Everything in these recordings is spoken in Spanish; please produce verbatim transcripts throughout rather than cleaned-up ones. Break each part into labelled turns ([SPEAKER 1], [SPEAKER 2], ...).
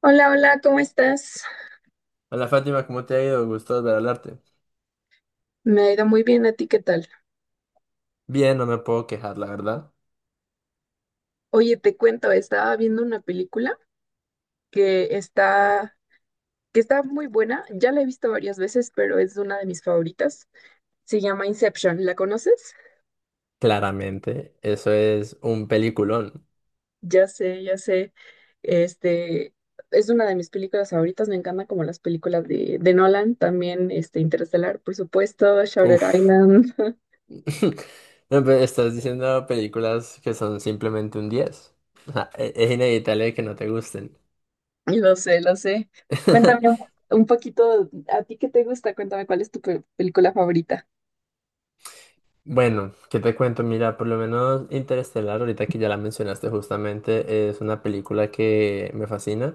[SPEAKER 1] Hola, hola, ¿cómo estás?
[SPEAKER 2] Hola Fátima, ¿cómo te ha ido? Gusto volver a hablarte.
[SPEAKER 1] Me ha ido muy bien, ¿a ti qué tal?
[SPEAKER 2] Bien, no me puedo quejar, la verdad.
[SPEAKER 1] Oye, te cuento, estaba viendo una película que está, que está muy buena, ya la he visto varias veces, pero es una de mis favoritas. Se llama Inception, ¿la conoces?
[SPEAKER 2] Claramente, eso es un peliculón.
[SPEAKER 1] Ya sé, ya sé, este, es una de mis películas favoritas, me encantan como las películas de, de Nolan, también este, Interestelar, por supuesto, Shutter
[SPEAKER 2] Uf.
[SPEAKER 1] Island.
[SPEAKER 2] No, pero estás diciendo películas que son simplemente un diez. O sea, e- es inevitable que no te gusten.
[SPEAKER 1] Lo sé, lo sé. Cuéntame un un poquito, ¿a ti qué te gusta? Cuéntame cuál es tu pe- película favorita.
[SPEAKER 2] Bueno, ¿qué te cuento? Mira, por lo menos Interestelar, ahorita que ya la mencionaste justamente, es una película que me fascina.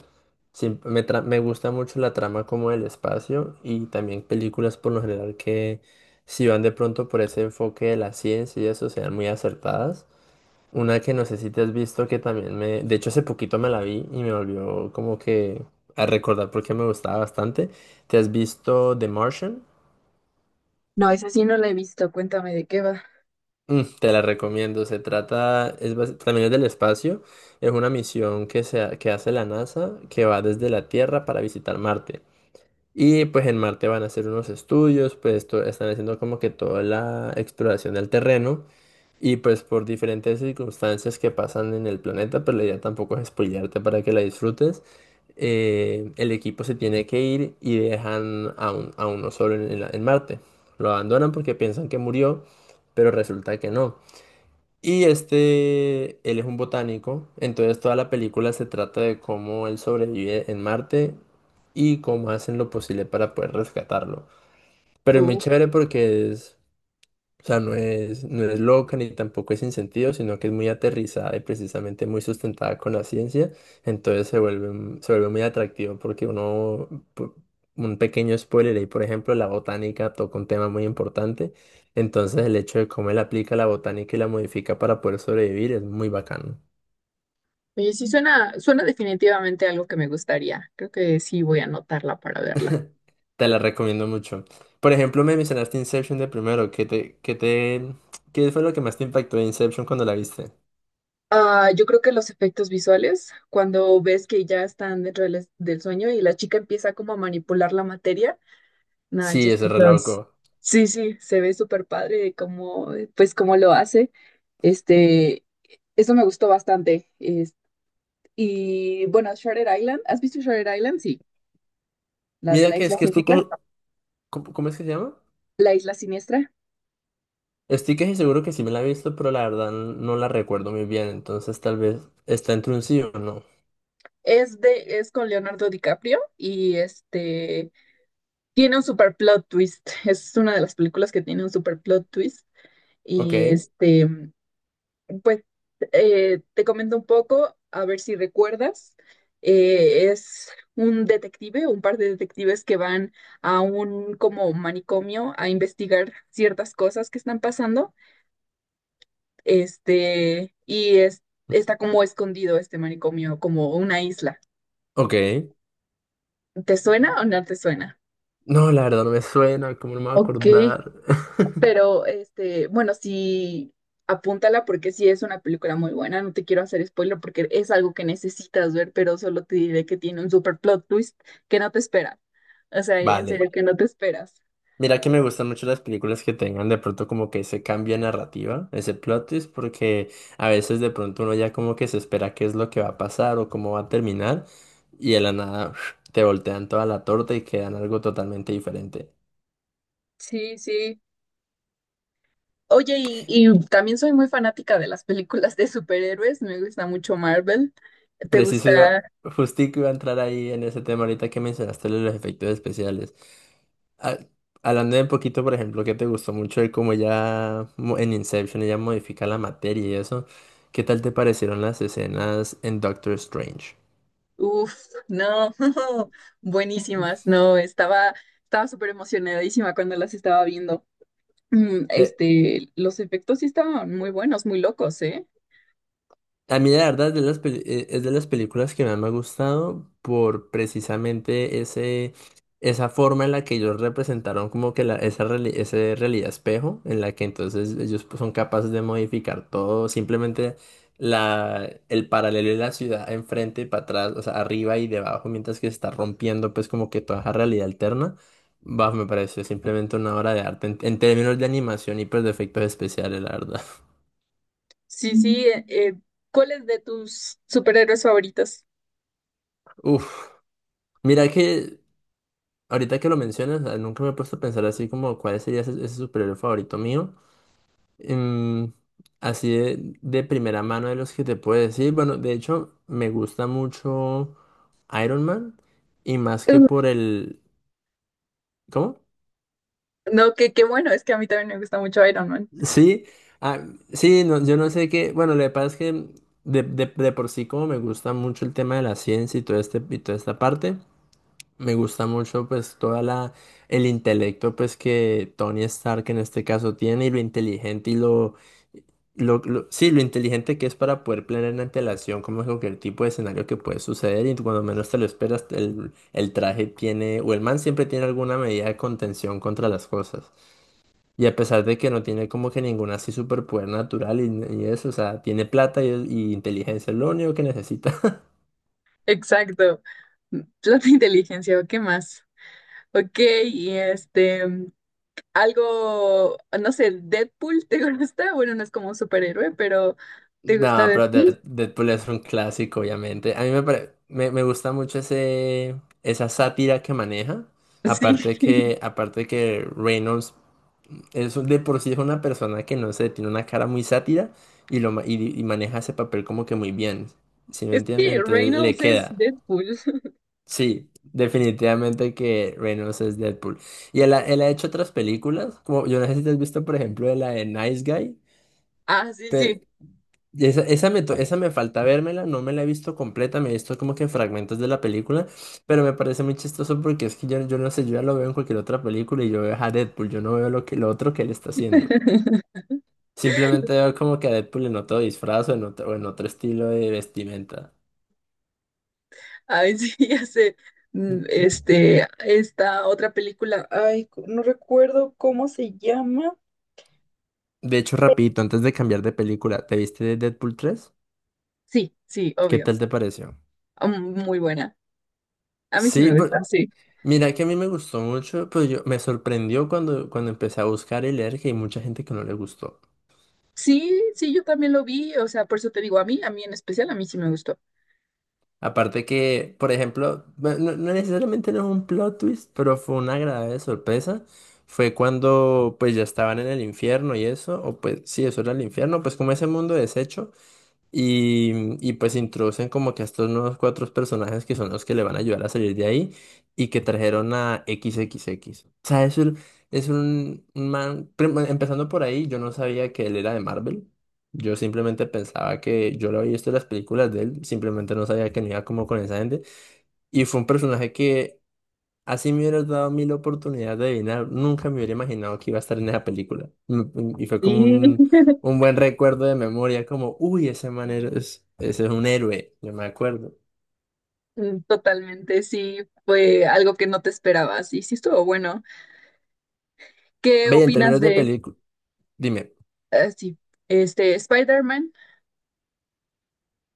[SPEAKER 2] Siem- me, tra- me gusta mucho la trama como del espacio y también películas por lo general que si van de pronto por ese enfoque de la ciencia y eso sean muy acertadas. Una que no sé si te has visto que también me... De hecho, hace poquito me la vi y me volvió como que a recordar porque me gustaba bastante. ¿Te has visto The Martian?
[SPEAKER 1] No, esa sí no la he visto. Cuéntame de qué va.
[SPEAKER 2] Mm, Te la recomiendo. Se trata, es basi- también es del espacio. Es una misión que, se, ha- que hace la NASA que va desde la Tierra para visitar Marte. Y pues en Marte van a hacer unos estudios, pues to- están haciendo como que toda la exploración del terreno. Y pues por diferentes circunstancias que pasan en el planeta, pero la idea tampoco es spoilearte para que la disfrutes. Eh, el equipo se tiene que ir y dejan a, un- a uno solo en en la- en Marte. Lo abandonan porque piensan que murió, pero resulta que no. Y este, él es un botánico, entonces toda la película se trata de cómo él sobrevive en Marte y cómo hacen lo posible para poder rescatarlo. Pero es muy
[SPEAKER 1] Oh,
[SPEAKER 2] chévere porque es o sea, no es, no es loca ni tampoco es sin sentido, sino que es muy aterrizada y precisamente muy sustentada con la ciencia. Entonces se vuelve, un- se vuelve muy atractivo porque uno, pu- un pequeño spoiler ahí, por ejemplo, la botánica toca un tema muy importante. Entonces el hecho de cómo él aplica la botánica y la modifica para poder sobrevivir es muy bacano.
[SPEAKER 1] oye, sí suena, suena definitivamente algo que me gustaría. Creo que sí voy a anotarla para verla.
[SPEAKER 2] Te la recomiendo mucho. Por ejemplo, me mencionaste Inception de primero. ¿Qué te, qué te, qué fue lo que más te impactó de Inception cuando la viste?
[SPEAKER 1] Ah, yo creo que los efectos visuales, cuando ves que ya están dentro del, es- del sueño y la chica empieza como a manipular la materia. No,
[SPEAKER 2] Sí, ese reloj.
[SPEAKER 1] entonces, sí, sí, se ve súper padre como, pues, cómo lo hace. Este, eso me gustó bastante. Es- y bueno, Shutter Island, ¿has visto Shutter Island? Sí, la de
[SPEAKER 2] Mira
[SPEAKER 1] la
[SPEAKER 2] que es
[SPEAKER 1] isla
[SPEAKER 2] que estoy,
[SPEAKER 1] siniestra.
[SPEAKER 2] co- ¿Cómo, cómo es que se llama?
[SPEAKER 1] La isla siniestra
[SPEAKER 2] Estoy casi seguro que sí me la he visto, pero la verdad no la recuerdo muy bien, entonces tal vez está entre un sí o no.
[SPEAKER 1] es de, es con Leonardo DiCaprio y este tiene un super plot twist. Es una de las películas que tiene un super plot twist.
[SPEAKER 2] Ok,
[SPEAKER 1] Y este. Pues eh, te comento un poco, a ver si recuerdas. Eh, es un detective, un par de detectives que van a un como manicomio a investigar ciertas cosas que están pasando. Este, y es, está como escondido este manicomio, como una isla.
[SPEAKER 2] ok.
[SPEAKER 1] ¿Te suena o no te suena?
[SPEAKER 2] No, la verdad no me suena, ¿cómo no me voy a
[SPEAKER 1] Ok,
[SPEAKER 2] acordar?
[SPEAKER 1] pero, este, bueno, sí, apúntala porque sí es una película muy buena. No te quiero hacer spoiler porque es algo que necesitas ver, pero solo te diré que tiene un super plot twist que no te esperas. O sea, en
[SPEAKER 2] Vale.
[SPEAKER 1] serio, que no te esperas.
[SPEAKER 2] Mira que me gustan mucho las películas que tengan de pronto como que ese cambio de narrativa, ese plot twist, porque a veces de pronto uno ya como que se espera qué es lo que va a pasar o cómo va a terminar, y de la nada te voltean toda la torta y quedan algo totalmente diferente.
[SPEAKER 1] Sí, sí. Oye, y, y también soy muy fanática de las películas de superhéroes, me gusta mucho Marvel. ¿Te
[SPEAKER 2] Preciso,
[SPEAKER 1] gusta?
[SPEAKER 2] yo justico iba a entrar ahí en ese tema ahorita que mencionaste lo de los efectos especiales. Ah, hablando de un poquito, por ejemplo, que te gustó mucho de cómo ya mo- en Inception ella modifica la materia y eso, ¿qué tal te parecieron las escenas en Doctor Strange?
[SPEAKER 1] Uf, no, buenísimas, no, estaba, estaba súper emocionadísima cuando las estaba viendo. Mm,
[SPEAKER 2] Eh,
[SPEAKER 1] Este, los efectos sí estaban muy buenos, muy locos, ¿eh?
[SPEAKER 2] A mí la verdad es de las, peli- eh, es de las películas que más me ha gustado por precisamente ese, esa forma en la que ellos representaron como que la, esa, reali- ese realidad espejo, en la que entonces ellos pues, son capaces de modificar todo, simplemente la, el paralelo de la ciudad enfrente y para atrás, o sea, arriba y debajo, mientras que se está rompiendo pues como que toda esa realidad alterna. Bah, me pareció simplemente una obra de arte en, en términos de animación y pues de efectos especiales, la verdad.
[SPEAKER 1] Sí, sí, eh, eh, ¿cuál es de tus superhéroes favoritos?
[SPEAKER 2] Uf. Mira que Ahorita que lo mencionas, ah, nunca me he puesto a pensar así como cuál sería ese, ese superhéroe favorito mío. Em, Así de, de primera mano de los que te puedo decir. Bueno, de hecho, me gusta mucho Iron Man y más
[SPEAKER 1] Uh,
[SPEAKER 2] que por el... ¿Cómo?
[SPEAKER 1] No, que qué bueno, es que a mí también me gusta mucho Iron Man.
[SPEAKER 2] Sí, ah, sí, no, yo no sé qué... Bueno, lo que pasa es que de, de- de por sí como me gusta mucho el tema de la ciencia y, todo este, y toda esta parte. Me gusta mucho pues toda la el intelecto pues que Tony Stark en este caso tiene y lo inteligente y lo, lo, lo- sí, lo inteligente que es para poder planear en antelación como es cualquier tipo de escenario que puede suceder y cuando menos te lo esperas el, el traje tiene o el man siempre tiene alguna medida de contención contra las cosas. Y a pesar de que no tiene como que ninguna así superpoder natural y, y eso, o sea, tiene plata y, y inteligencia, es lo único que necesita.
[SPEAKER 1] Exacto. Plata e inteligencia, ¿o qué más? Ok, y este. mm, algo, no sé, Deadpool, ¿te gusta? Bueno, no es como un superhéroe, pero ¿te gusta
[SPEAKER 2] No, pero
[SPEAKER 1] Deadpool?
[SPEAKER 2] Dead- Deadpool es un clásico, obviamente. A mí me, pare- me, me gusta mucho ese, esa sátira que maneja.
[SPEAKER 1] Sí,
[SPEAKER 2] Aparte de que, aparte de que Reynolds es un- de por sí es una persona que no sé, tiene una cara muy sátira y, lo, ma- y, y maneja ese papel como que muy bien. ¿Sí me
[SPEAKER 1] es
[SPEAKER 2] entienden?
[SPEAKER 1] que
[SPEAKER 2] Entonces le
[SPEAKER 1] Reynolds es
[SPEAKER 2] queda.
[SPEAKER 1] Deadpool.
[SPEAKER 2] Sí, definitivamente que Reynolds es Deadpool. Y él ha, él ha hecho otras películas, como yo no sé si te has visto, por ejemplo, de la de Nice Guy.
[SPEAKER 1] Ah, sí, sí.
[SPEAKER 2] Y Esa, esa, me, to- esa me falta vérmela, no me la he visto completa, me he visto como que fragmentos de la película, pero me parece muy chistoso porque es que yo, yo no sé, yo ya lo veo en cualquier otra película y yo veo a Deadpool, yo no veo lo que, lo otro que él está haciendo. Simplemente veo como que a Deadpool en otro disfraz o en otro, o en otro estilo de vestimenta.
[SPEAKER 1] Ay, sí, ya sé. Mm,
[SPEAKER 2] Mm,
[SPEAKER 1] Este, esta otra película, ay, co- no recuerdo cómo se llama.
[SPEAKER 2] De hecho, rapidito, antes de cambiar de película, ¿te viste de Deadpool tres?
[SPEAKER 1] Sí, sí,
[SPEAKER 2] ¿Qué
[SPEAKER 1] obvio.
[SPEAKER 2] tal te pareció?
[SPEAKER 1] Ah, Mm, Muy buena. A mí sí
[SPEAKER 2] Sí,
[SPEAKER 1] me gusta,
[SPEAKER 2] por-
[SPEAKER 1] sí.
[SPEAKER 2] mira que a mí me gustó mucho, pero yo me sorprendió cuando, cuando empecé a buscar y leer que hay mucha gente que no le gustó.
[SPEAKER 1] Sí, sí, yo también lo vi, o sea, por eso te digo a mí, a mí en especial, a mí sí me gustó.
[SPEAKER 2] Aparte que, por ejemplo, bueno, no, no necesariamente no es un plot twist, pero fue una agradable sorpresa. Fue cuando pues ya estaban en el infierno y eso, o pues sí, eso era el infierno, pues como ese mundo deshecho. Y, y pues introducen como que a estos nuevos cuatro personajes que son los que le van a ayudar a salir de ahí y que trajeron a XXX. O sea, es un, es un un man, prim- bueno, empezando por ahí, yo no sabía que él era de Marvel. Yo simplemente pensaba que yo lo había visto en las películas de él, simplemente no sabía que no iba como con esa gente. Y fue un personaje que Así me hubieras dado mil oportunidades de adivinar. Nunca me hubiera imaginado que iba a estar en esa película. Mm, mm, Y fue como
[SPEAKER 1] Sí.
[SPEAKER 2] un, un buen recuerdo de memoria, como, uy, ese man es, ese es un héroe, yo me acuerdo.
[SPEAKER 1] Mm, totalmente, sí, fue algo que no te esperabas y sí estuvo bueno. ¿Qué
[SPEAKER 2] Veía, en
[SPEAKER 1] opinas
[SPEAKER 2] términos de
[SPEAKER 1] de,
[SPEAKER 2] película, dime,
[SPEAKER 1] ah, sí, este, Spider-Man?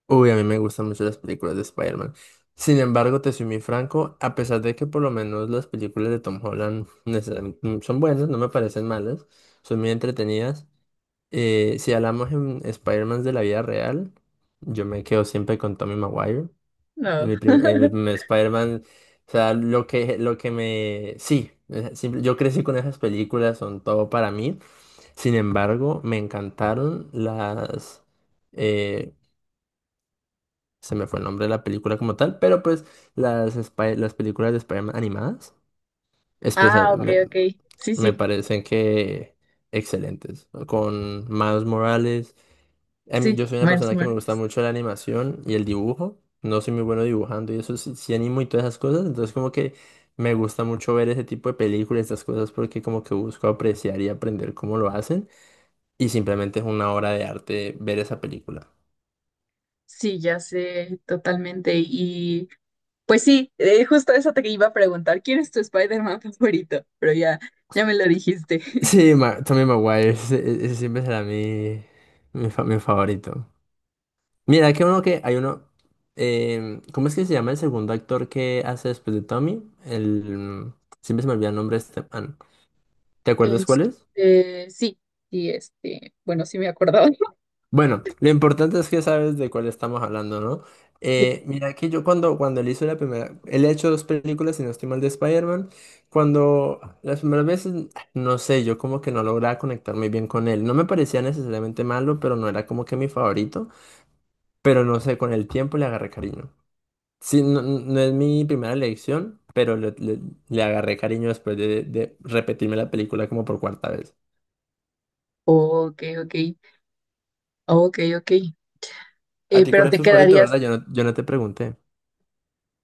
[SPEAKER 2] uy, a mí me gustan mucho las películas de Spider-Man. Sin embargo, te soy muy franco, a pesar de que por lo menos las películas de Tom Holland necesariamente, mm, son buenas, no me parecen malas, son muy entretenidas. Eh, si hablamos en Spider-Man de la vida real, yo me quedo siempre con Tommy Maguire. En
[SPEAKER 1] No.
[SPEAKER 2] Mi, prim- eh, mi primer Spider-Man, o sea, lo que, lo que me... Sí, eh, simple- yo crecí con esas películas, son todo para mí. Sin embargo, me encantaron las... eh, se me fue el nombre de la película como tal, pero pues las, Spy- las películas de Spider-Man animadas, especial,
[SPEAKER 1] Ah, ok,
[SPEAKER 2] me,
[SPEAKER 1] ok. Sí,
[SPEAKER 2] me
[SPEAKER 1] sí,
[SPEAKER 2] parecen que excelentes. Con Miles Morales. A mí,
[SPEAKER 1] sí,
[SPEAKER 2] yo soy una
[SPEAKER 1] Miles
[SPEAKER 2] persona que me gusta
[SPEAKER 1] Morales.
[SPEAKER 2] mucho la animación y el dibujo. No soy muy bueno dibujando y eso sí, sí animo y todas esas cosas. Entonces como que me gusta mucho ver ese tipo de películas, estas cosas, porque como que busco apreciar y aprender cómo lo hacen. Y simplemente es una obra de arte ver esa película.
[SPEAKER 1] Sí, ya sé, totalmente. Y pues sí, eh, justo eso te iba a preguntar, ¿quién es tu Spider-Man favorito? Pero ya, ya me lo dijiste.
[SPEAKER 2] Sí, Ma- Tommy Maguire, ese, ese siempre será mi, mi, fa- mi favorito. Mira, que uno que hay uno... em, ¿cómo es que se llama el segundo actor que hace después de Tommy? El... mm, Siempre se me olvida el nombre de este man. ¿Te acuerdas cuál es?
[SPEAKER 1] Este, sí, sí, este, bueno, sí me acordaba.
[SPEAKER 2] Bueno, lo importante es que sabes de cuál estamos hablando, ¿no? Eh, mira que yo cuando, cuando él hizo la primera, él ha hecho dos películas, si no estoy mal, de Spider-Man, cuando las primeras veces, no sé, yo como que no lograba conectar muy bien con él. No me parecía necesariamente malo, pero no era como que mi favorito, pero no sé, con el tiempo le agarré cariño. Sí, no, no es mi primera elección, pero le, le- le agarré cariño después de, de repetirme la película como por cuarta vez.
[SPEAKER 1] Ok, ok, ok, ok.
[SPEAKER 2] ¿A
[SPEAKER 1] Eh,
[SPEAKER 2] ti cuál
[SPEAKER 1] pero
[SPEAKER 2] es
[SPEAKER 1] te
[SPEAKER 2] tu favorito,
[SPEAKER 1] quedarías
[SPEAKER 2] verdad? Yo no, yo no te pregunté.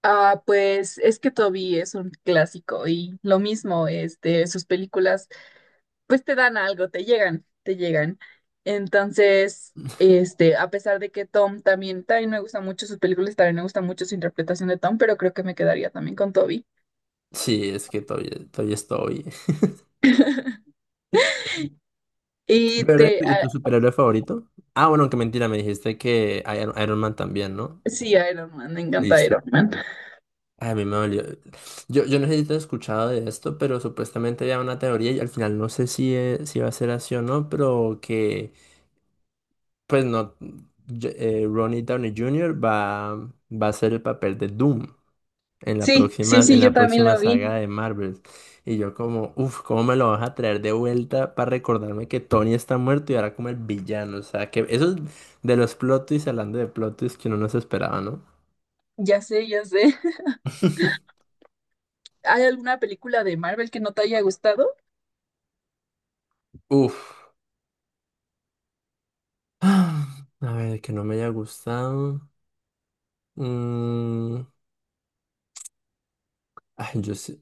[SPEAKER 1] ah, pues es que Toby es un clásico y lo mismo, este, sus películas, pues te dan algo, te llegan, te llegan. Entonces, este, a pesar de que Tom también, también me gustan mucho sus películas, también me gusta mucho su interpretación de Tom, pero creo que me quedaría también con Toby.
[SPEAKER 2] Sí, es que todavía, todavía estoy.
[SPEAKER 1] Y
[SPEAKER 2] ¿Verdad? ¿Y
[SPEAKER 1] te,
[SPEAKER 2] tu, y tu
[SPEAKER 1] ah,
[SPEAKER 2] superhéroe favorito? Ah, bueno, que mentira, me dijiste que Iron, Iron Man también, ¿no?
[SPEAKER 1] sí, Iron Man, me encanta
[SPEAKER 2] Listo.
[SPEAKER 1] Iron Man.
[SPEAKER 2] Ay, a mí me dolió. Yo, yo no sé si te has escuchado de esto, pero supuestamente había una teoría y al final no sé si, eh, si va a ser así o no, pero que, pues no, yo- eh, Ronnie Downey junior va, va a hacer el papel de Doom. En la
[SPEAKER 1] Sí,
[SPEAKER 2] próxima,
[SPEAKER 1] sí,
[SPEAKER 2] en
[SPEAKER 1] sí, yo
[SPEAKER 2] la
[SPEAKER 1] también
[SPEAKER 2] próxima
[SPEAKER 1] lo
[SPEAKER 2] saga
[SPEAKER 1] vi.
[SPEAKER 2] de Marvel. Y yo como, uff, ¿cómo me lo vas a traer de vuelta para recordarme que Tony está muerto y ahora como el villano? O sea, que eso es de los plot twists, hablando de plot twists que uno no se esperaba, ¿no?
[SPEAKER 1] Ya sé, ya sé. ¿Hay alguna película de Marvel que no te haya gustado?
[SPEAKER 2] Uff. Ah, A ver, que no me haya gustado. Mm, ay, yo sé.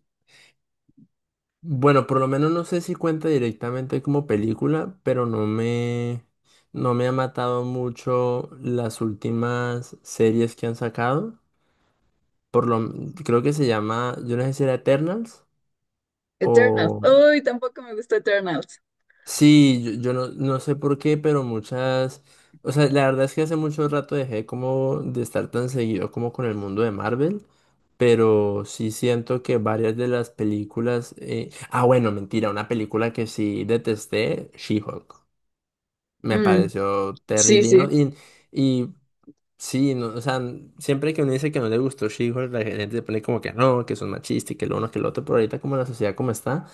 [SPEAKER 2] Bueno, por lo menos no sé si cuenta directamente como película, pero no me, no me ha matado mucho las últimas series que han sacado. por lo, creo que se llama, yo no sé si era Eternals
[SPEAKER 1] Eternals.
[SPEAKER 2] o...
[SPEAKER 1] Uy, tampoco me gustó Eternals.
[SPEAKER 2] Sí, yo, yo no, no sé por qué, pero muchas... O sea, la verdad es que hace mucho rato dejé como de estar tan seguido como con el mundo de Marvel, pero sí siento que varias de las películas... eh, Ah, bueno, mentira, una película que sí detesté, She-Hulk. Me
[SPEAKER 1] Mm,
[SPEAKER 2] pareció
[SPEAKER 1] sí,
[SPEAKER 2] terrible y,
[SPEAKER 1] sí.
[SPEAKER 2] no- y, y sí, no, o sea, siempre que uno dice que no le gustó She-Hulk, la gente se pone como que no, que son machistas y que lo uno, que lo otro, pero ahorita como la sociedad como está,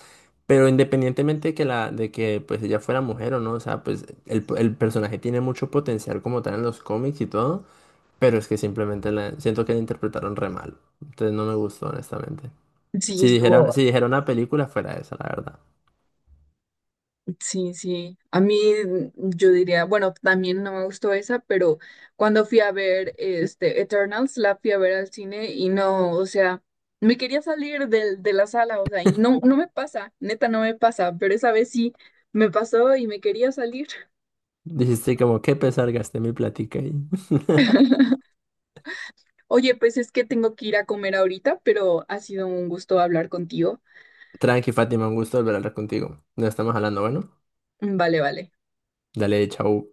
[SPEAKER 2] pero independientemente de que la, de que pues ella fuera mujer o no, o sea, pues el, el personaje tiene mucho potencial como tal en los cómics y todo, pero es que simplemente la, siento que la interpretaron re mal, entonces no me gustó honestamente.
[SPEAKER 1] Sí,
[SPEAKER 2] Si dijera,
[SPEAKER 1] estuvo,
[SPEAKER 2] si dijera una película fuera esa, la verdad.
[SPEAKER 1] sí, sí. A mí mm, yo diría, bueno, también no me gustó esa, pero cuando fui a ver este Eternals, la fui a ver al cine y no, o sea, me quería salir del, de la sala, o sea, y no, no me pasa, neta no me pasa, pero esa vez sí me pasó y me quería salir.
[SPEAKER 2] Dijiste como, qué pesar, gasté mi platica ahí.
[SPEAKER 1] Oye, pues es que tengo que ir a comer ahorita, pero ha sido un gusto hablar contigo.
[SPEAKER 2] Tranqui, Fátima, un gusto volver a hablar contigo. ¿Nos estamos hablando, bueno.
[SPEAKER 1] Mm, vale, vale.
[SPEAKER 2] Dale, chau.